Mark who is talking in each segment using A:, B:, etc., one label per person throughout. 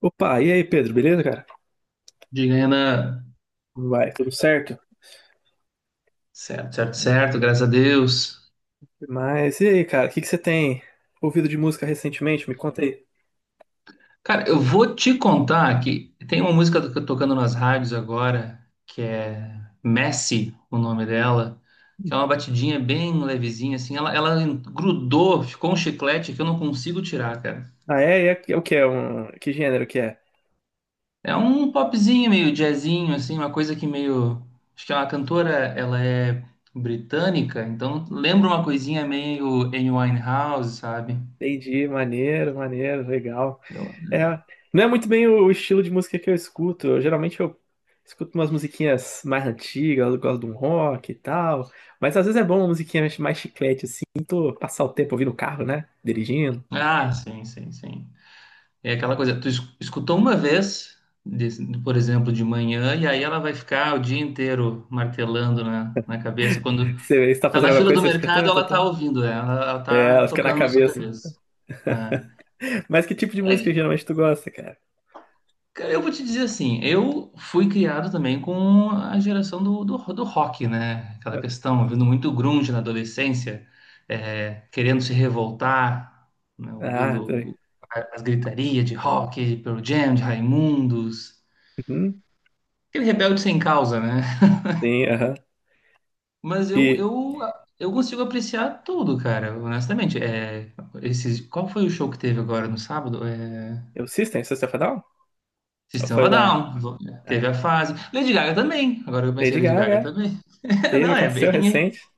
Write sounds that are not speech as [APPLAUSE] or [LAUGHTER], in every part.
A: Opa, e aí, Pedro, beleza, cara?
B: Diga, Renan.
A: Como vai, tudo certo?
B: Certo, certo, certo, graças a Deus.
A: Mas e aí, cara, o que que você tem ouvido de música recentemente? Me conta aí.
B: Cara, eu vou te contar que tem uma música tocando nas rádios agora, que é Messi, o nome dela, que é uma batidinha bem levezinha, assim. Ela grudou, ficou um chiclete que eu não consigo tirar, cara.
A: Ah, é? É o que é? Que gênero que é?
B: É um popzinho, meio jazzinho, assim, uma coisa que meio. Acho que é uma cantora, ela é britânica, então lembra uma coisinha meio Amy Winehouse, sabe?
A: Entendi, maneiro, maneiro, legal.
B: Eu-
A: É, não é muito bem o estilo de música que eu escuto. Geralmente eu escuto umas musiquinhas mais antigas, eu gosto de um rock e tal. Mas às vezes é bom uma musiquinha mais chiclete, assim, tô passar o tempo ouvindo o carro, né? Dirigindo.
B: Ah, sim, sim, sim. É aquela coisa, tu escutou uma vez, por exemplo, de manhã, e aí ela vai ficar o dia inteiro martelando na cabeça. Quando
A: Você está
B: tá
A: fazendo
B: na
A: alguma
B: fila do
A: coisa, você fica,
B: mercado,
A: tan, tan,
B: ela
A: tan.
B: tá ouvindo, né? Ela
A: É,
B: tá
A: ela fica na
B: tocando na sua
A: cabeça.
B: cabeça. É.
A: Mas que tipo de música
B: É,
A: geralmente tu gosta, cara?
B: cara, eu vou te dizer assim, eu fui criado também com a geração do rock, né? Aquela questão, ouvindo muito grunge na adolescência, é, querendo se revoltar, né?
A: Ah, tá.
B: Ouvindo as gritarias de rock, de Pearl Jam, de Raimundos.
A: Uhum,
B: Aquele rebelde sem causa, né?
A: sim, aham.
B: Mas eu,
A: E
B: eu, eu consigo apreciar tudo, cara, honestamente. É, qual foi o show que teve agora no sábado? É,
A: o System of a Down? Ou
B: System of
A: foi
B: a
A: da
B: Down. Teve
A: é,
B: a fase. Lady Gaga também. Agora que eu pensei,
A: Lady
B: Lady Gaga
A: Gaga?
B: também. [LAUGHS]
A: Teve,
B: Não, é
A: aconteceu
B: bem,
A: recente.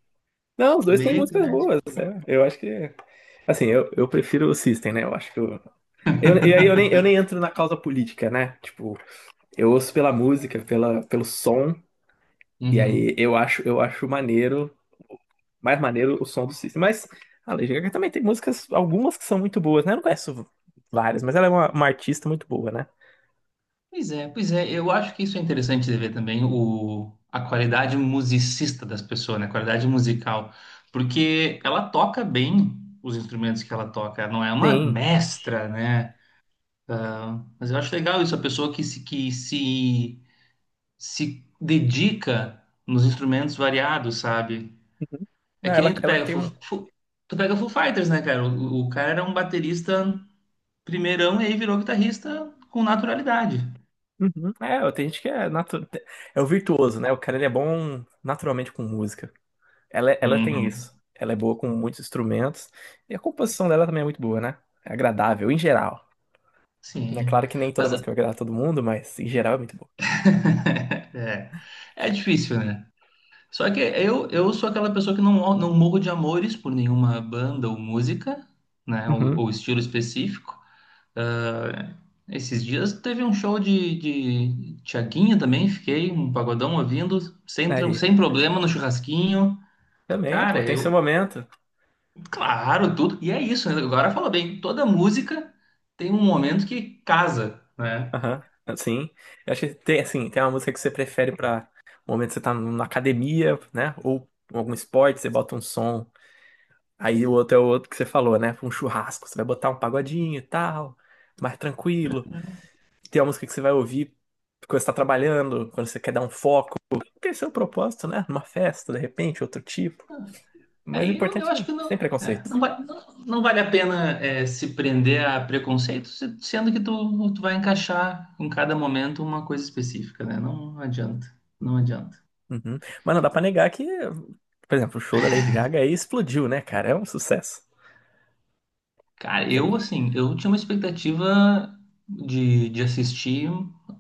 A: Não, os dois têm
B: bem
A: músicas
B: eclético.
A: boas, né? Eu acho que. Assim, eu prefiro o System, né? Eu acho que. E aí eu nem entro na causa política, né? Tipo, eu ouço pela música, pelo som, e aí
B: Uhum.
A: eu acho maneiro mais maneiro o som do System. Mas a Lady Gaga também tem músicas, algumas que são muito boas, né? Eu não conheço várias, mas ela é uma artista muito boa, né?
B: Pois é, pois é. Eu acho que isso é interessante de ver também a qualidade musicista das pessoas, né? A qualidade musical. Porque ela toca bem os instrumentos que ela toca. Ela não é uma
A: Sim.
B: mestra, né? Ah, mas eu acho legal isso, a pessoa que se dedica nos instrumentos variados, sabe?
A: Uhum.
B: É
A: Não,
B: que nem
A: ela, ela tem um.
B: Tu pega Foo Fighters, né, cara? O cara era um baterista primeirão e aí virou guitarrista com naturalidade.
A: Uhum. É, tem gente que é o virtuoso, né? O cara ele é bom naturalmente com música. Ela tem
B: Uhum.
A: isso. Ela é boa com muitos instrumentos. E a composição dela também é muito boa, né? É agradável, em geral. Né?
B: Sim.
A: Claro que nem toda
B: Mas
A: música vai agradar todo mundo, mas em geral é muito boa.
B: [LAUGHS] é, é difícil, né? Só que eu sou aquela pessoa que não, não morro de amores por nenhuma banda ou música, né? Ou,
A: Uhum.
B: ou estilo específico. É. Esses dias teve um show de Tiaguinho também, fiquei um pagodão ouvindo,
A: Aí.
B: sem problema no churrasquinho.
A: Também, pô,
B: Cara,
A: tem seu
B: eu,
A: momento.
B: claro, tudo. E é isso, né? Agora fala bem, toda música tem um momento que casa, né?
A: Aham, ah, sim. Eu acho que tem, assim, tem uma música que você prefere pra um momento que você tá na academia, né? Ou em algum esporte, você bota um som. Aí o outro é o outro que você falou, né? pra um churrasco, você vai botar um pagodinho e tal, mais tranquilo. Tem uma música que você vai ouvir quando você tá trabalhando, quando você quer dar um foco. Tem seu propósito, né? Numa festa, de repente, outro tipo. Mas o
B: Aí eu
A: importante
B: acho
A: é
B: que não,
A: sem preconceito.
B: não, não vale a pena é, se prender a preconceitos, sendo que tu vai encaixar em cada momento uma coisa específica, né? Não adianta, não adianta.
A: Uhum. Mas não dá pra negar que, por exemplo, o show da Lady Gaga aí explodiu, né, cara? É um sucesso.
B: Cara, eu
A: Tinha-
B: assim, eu tinha uma expectativa de assistir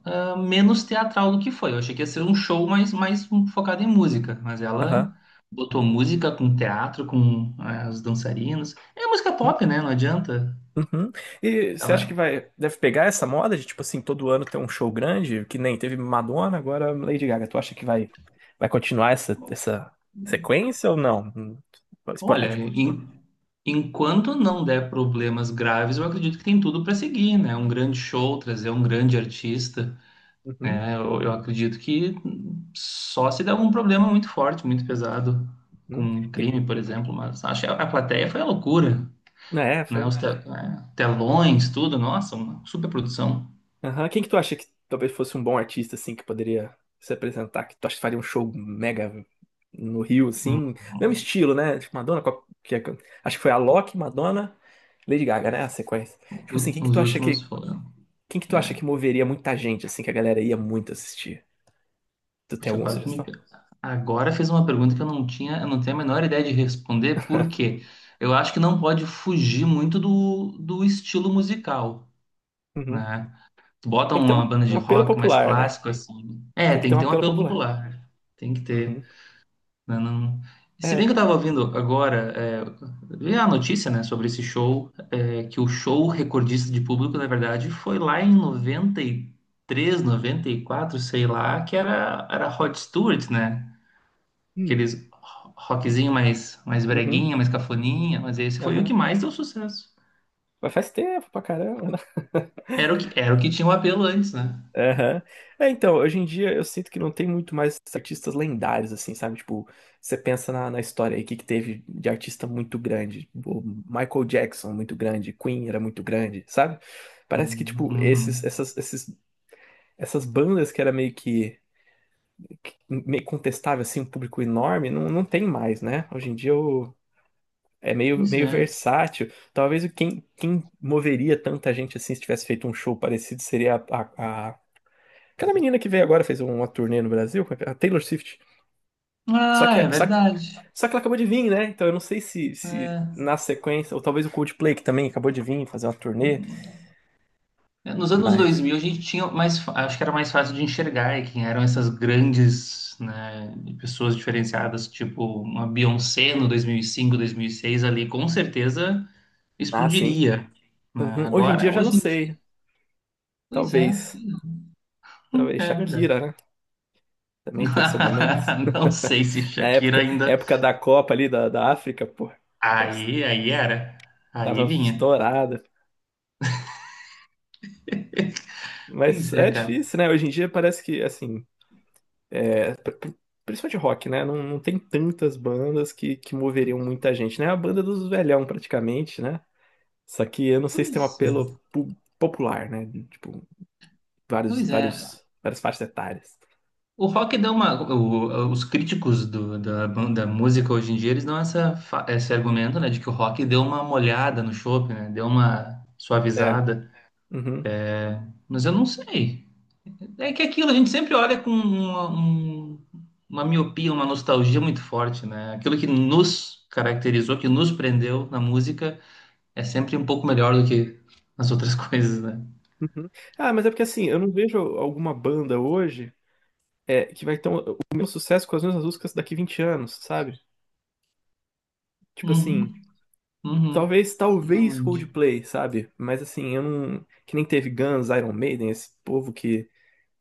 B: menos teatral do que foi. Eu achei que ia ser um show mais focado em música, mas
A: Aham.
B: ela botou música com teatro, com as dançarinas. É música pop, né? Não adianta.
A: Uhum. E você acha que
B: Ela,
A: deve pegar essa moda de, tipo assim, todo ano ter um show grande, que nem teve Madonna, agora Lady Gaga. Tu acha que vai continuar essa sequência ou não?
B: olha,
A: Esporádico.
B: enquanto não der problemas graves, eu acredito que tem tudo para seguir, né? Um grande show, trazer um grande artista,
A: Uhum.
B: né? Eu acredito que só se der algum problema muito forte, muito pesado, com
A: Uhum.
B: um
A: Que,
B: crime, por exemplo. Mas acho que a plateia foi a loucura,
A: né,
B: né?
A: foi-
B: Os telões, tudo, nossa, uma superprodução.
A: Aham. Quem que tu acha que talvez fosse um bom artista, assim, que poderia se apresentar? Que tu acha que faria um show mega no Rio,
B: Hum,
A: assim? Mesmo estilo, né? Tipo, Madonna, com a- que é- acho que foi a Alok, Madonna, Lady Gaga, né? A sequência. Tipo assim, quem que
B: Os
A: tu acha
B: últimos
A: que
B: foram.
A: Quem que tu acha
B: É,
A: que moveria muita gente, assim, que a galera ia muito assistir? Tu tem
B: puxa,
A: alguma
B: agora tu me
A: sugestão?
B: pega. Agora fez uma pergunta que eu não tinha, eu não tenho a menor ideia de responder, por quê? Eu acho que não pode fugir muito do estilo musical,
A: Uhum.
B: né? Bota
A: Tem que ter um,
B: uma banda
A: um
B: de
A: apelo
B: rock mais
A: popular, né?
B: clássico, assim. É,
A: Tem que
B: tem
A: ter
B: que
A: um
B: ter um
A: apelo
B: apelo
A: popular.
B: popular. Tem que
A: Uhum.
B: ter. Não, não- E se
A: É.
B: bem que eu tava ouvindo agora, vi a notícia, né, sobre esse show, que o show recordista de público, na verdade, foi lá em 90, 93, 94, sei lá, que era Rod Stewart, né?
A: Hum.
B: Aqueles rockzinho mais
A: Uhum.
B: breguinha, mais cafoninha, mas esse foi o que
A: Aham.
B: mais deu sucesso.
A: Mas faz tempo pra caramba, né?
B: Era o que tinha o apelo antes, né?
A: [LAUGHS] Aham. É, então, hoje em dia eu sinto que não tem muito mais artistas lendários, assim, sabe? Tipo, você pensa na história aí, o que teve de artista muito grande? O Michael Jackson, muito grande. Queen era muito grande, sabe? Parece que,
B: Uhum.
A: tipo, esses,
B: Uhum.
A: essas, esses, essas bandas que era meio que meio contestável, assim, um público enorme, não tem mais, né? Hoje em dia é meio,
B: Pois
A: meio
B: é.
A: versátil. Talvez quem moveria tanta gente assim se tivesse feito um show parecido seria aquela menina que veio agora, fez uma turnê no Brasil, a Taylor Swift. Só
B: Ah,
A: que,
B: é
A: é,
B: verdade.
A: só que ela acabou de vir, né? Então eu não sei se
B: É.
A: na sequência, ou talvez o Coldplay, que também acabou de vir fazer uma turnê,
B: Nos anos
A: mas.
B: 2000 a gente tinha mais, acho que era mais fácil de enxergar quem eram essas grandes, né, pessoas diferenciadas, tipo uma Beyoncé no dois mil e cinco, 2006, ali, com certeza
A: Ah, sim.
B: explodiria, né?
A: Uhum. Hoje em dia
B: Agora,
A: eu já não
B: hoje em dia,
A: sei.
B: pois é.
A: Talvez. Talvez
B: É verdade.
A: Shakira, né? Também teve seu momento.
B: [LAUGHS] Não sei se
A: [LAUGHS] Na
B: Shakira
A: época,
B: ainda.
A: época da Copa ali da África, pô, tava
B: Aí, aí era. Aí
A: tava
B: vinha.
A: estourada. Mas
B: Pois é,
A: é
B: cara.
A: difícil, né? Hoje em dia parece que, assim, é, pr- pr- principalmente rock, né? Não, não tem tantas bandas que moveriam muita gente, né? É a banda dos velhão, praticamente, né? Só que eu não sei se tem
B: Pois,
A: um apelo
B: é,
A: pu- popular, né? Tipo, vários,
B: pois é.
A: vários, várias faixas etárias.
B: O rock dá uma. Os críticos da música hoje em dia, eles dão esse argumento, né, de que o rock deu uma molhada no chopp, né, deu uma
A: É.
B: suavizada.
A: Uhum,
B: Mas eu não sei. É que aquilo, a gente sempre olha com uma miopia, uma nostalgia muito forte, né? Aquilo que nos caracterizou, que nos prendeu na música, é sempre um pouco melhor do que as outras [LAUGHS] coisas, né?
A: uhum. Ah, mas é porque assim, eu não vejo alguma banda hoje, que vai ter o meu sucesso com as mesmas músicas daqui 20 anos, sabe? Tipo assim,
B: Uhum, uhum.
A: talvez
B: Realmente.
A: Coldplay, sabe? Mas assim, eu não. Que nem teve Guns, Iron Maiden, esse povo que,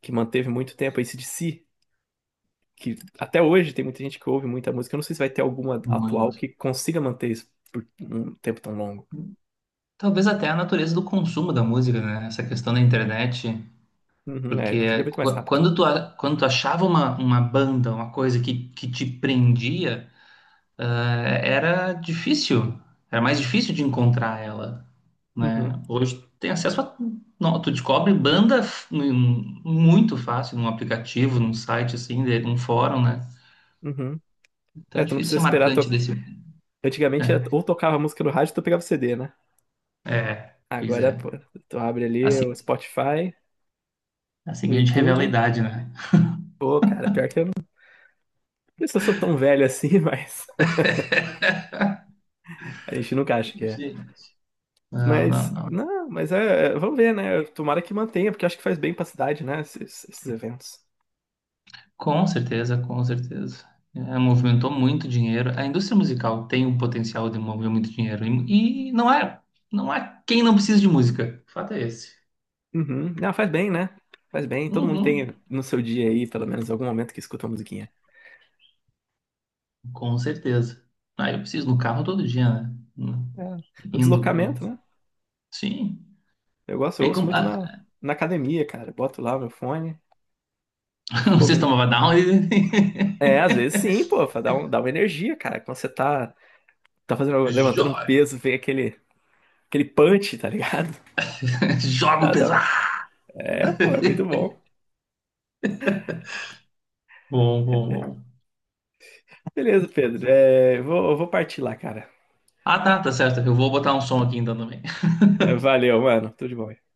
A: que manteve muito tempo, AC/DC, que até hoje tem muita gente que ouve muita música. Eu não sei se vai ter alguma atual
B: Muito.
A: que consiga manter isso por um tempo tão longo.
B: Talvez até a natureza do consumo da música, né? Essa questão da internet,
A: Uhum, é, hoje em dia é
B: porque
A: muito mais rápido.
B: quando tu achava uma banda, uma coisa que te prendia, era difícil, era mais difícil de encontrar ela,
A: Uhum,
B: né? Hoje tu tem acesso a, não, tu descobre banda muito fácil num aplicativo, num site assim, num fórum, né?
A: uhum.
B: Então é
A: É, tu não
B: difícil
A: precisa
B: ser
A: esperar.
B: marcante desse.
A: Antigamente, ou
B: É,
A: tocava a música no rádio, tu pegava o CD, né?
B: é, pois
A: Agora,
B: é.
A: pô, tu abre ali o
B: Assim,
A: Spotify,
B: assim
A: o
B: que a gente revela a
A: YouTube.
B: idade, né?
A: Pô, cara, pior que eu não sei se eu sou tão velho assim, [LAUGHS] mas a gente nunca acha que é.
B: Sim. Não, não,
A: Mas,
B: não.
A: não, mas é, vamos ver, né? Tomara que mantenha, porque eu acho que faz bem pra cidade, né? Esses eventos.
B: Com certeza, com certeza. É, movimentou muito dinheiro. A indústria musical tem o potencial de mover muito dinheiro. E não é, não há quem não precisa de música. O fato é esse.
A: Uhum. Não, faz bem, né? Faz bem. Todo mundo tem
B: Uhum,
A: no seu dia aí, pelo menos, algum momento que escuta uma musiquinha.
B: com certeza. Ah, eu preciso no carro todo dia, né?
A: É. O
B: Indo pro.
A: deslocamento, né?
B: Sim.
A: Eu gosto, eu
B: Aí,
A: ouço
B: como,
A: muito na, na academia, cara. Boto lá o meu fone e
B: [LAUGHS] o
A: fico ouvindo.
B: sistema vai dar um.
A: É, às vezes sim, pô, dá uma energia, cara. Quando você
B: [LAUGHS]
A: levantando um
B: Joga!
A: peso, vem aquele punch, tá ligado?
B: [LAUGHS]
A: [LAUGHS]
B: Joga o
A: Dá,
B: pesado!
A: dá É, pô, é muito
B: [LAUGHS]
A: bom.
B: Bom, bom, bom.
A: Beleza, Pedro. É, eu vou partir lá, cara.
B: Ah, tá, tá certo. Eu vou botar um som aqui então também.
A: [LAUGHS] Valeu, mano. Tudo de bom.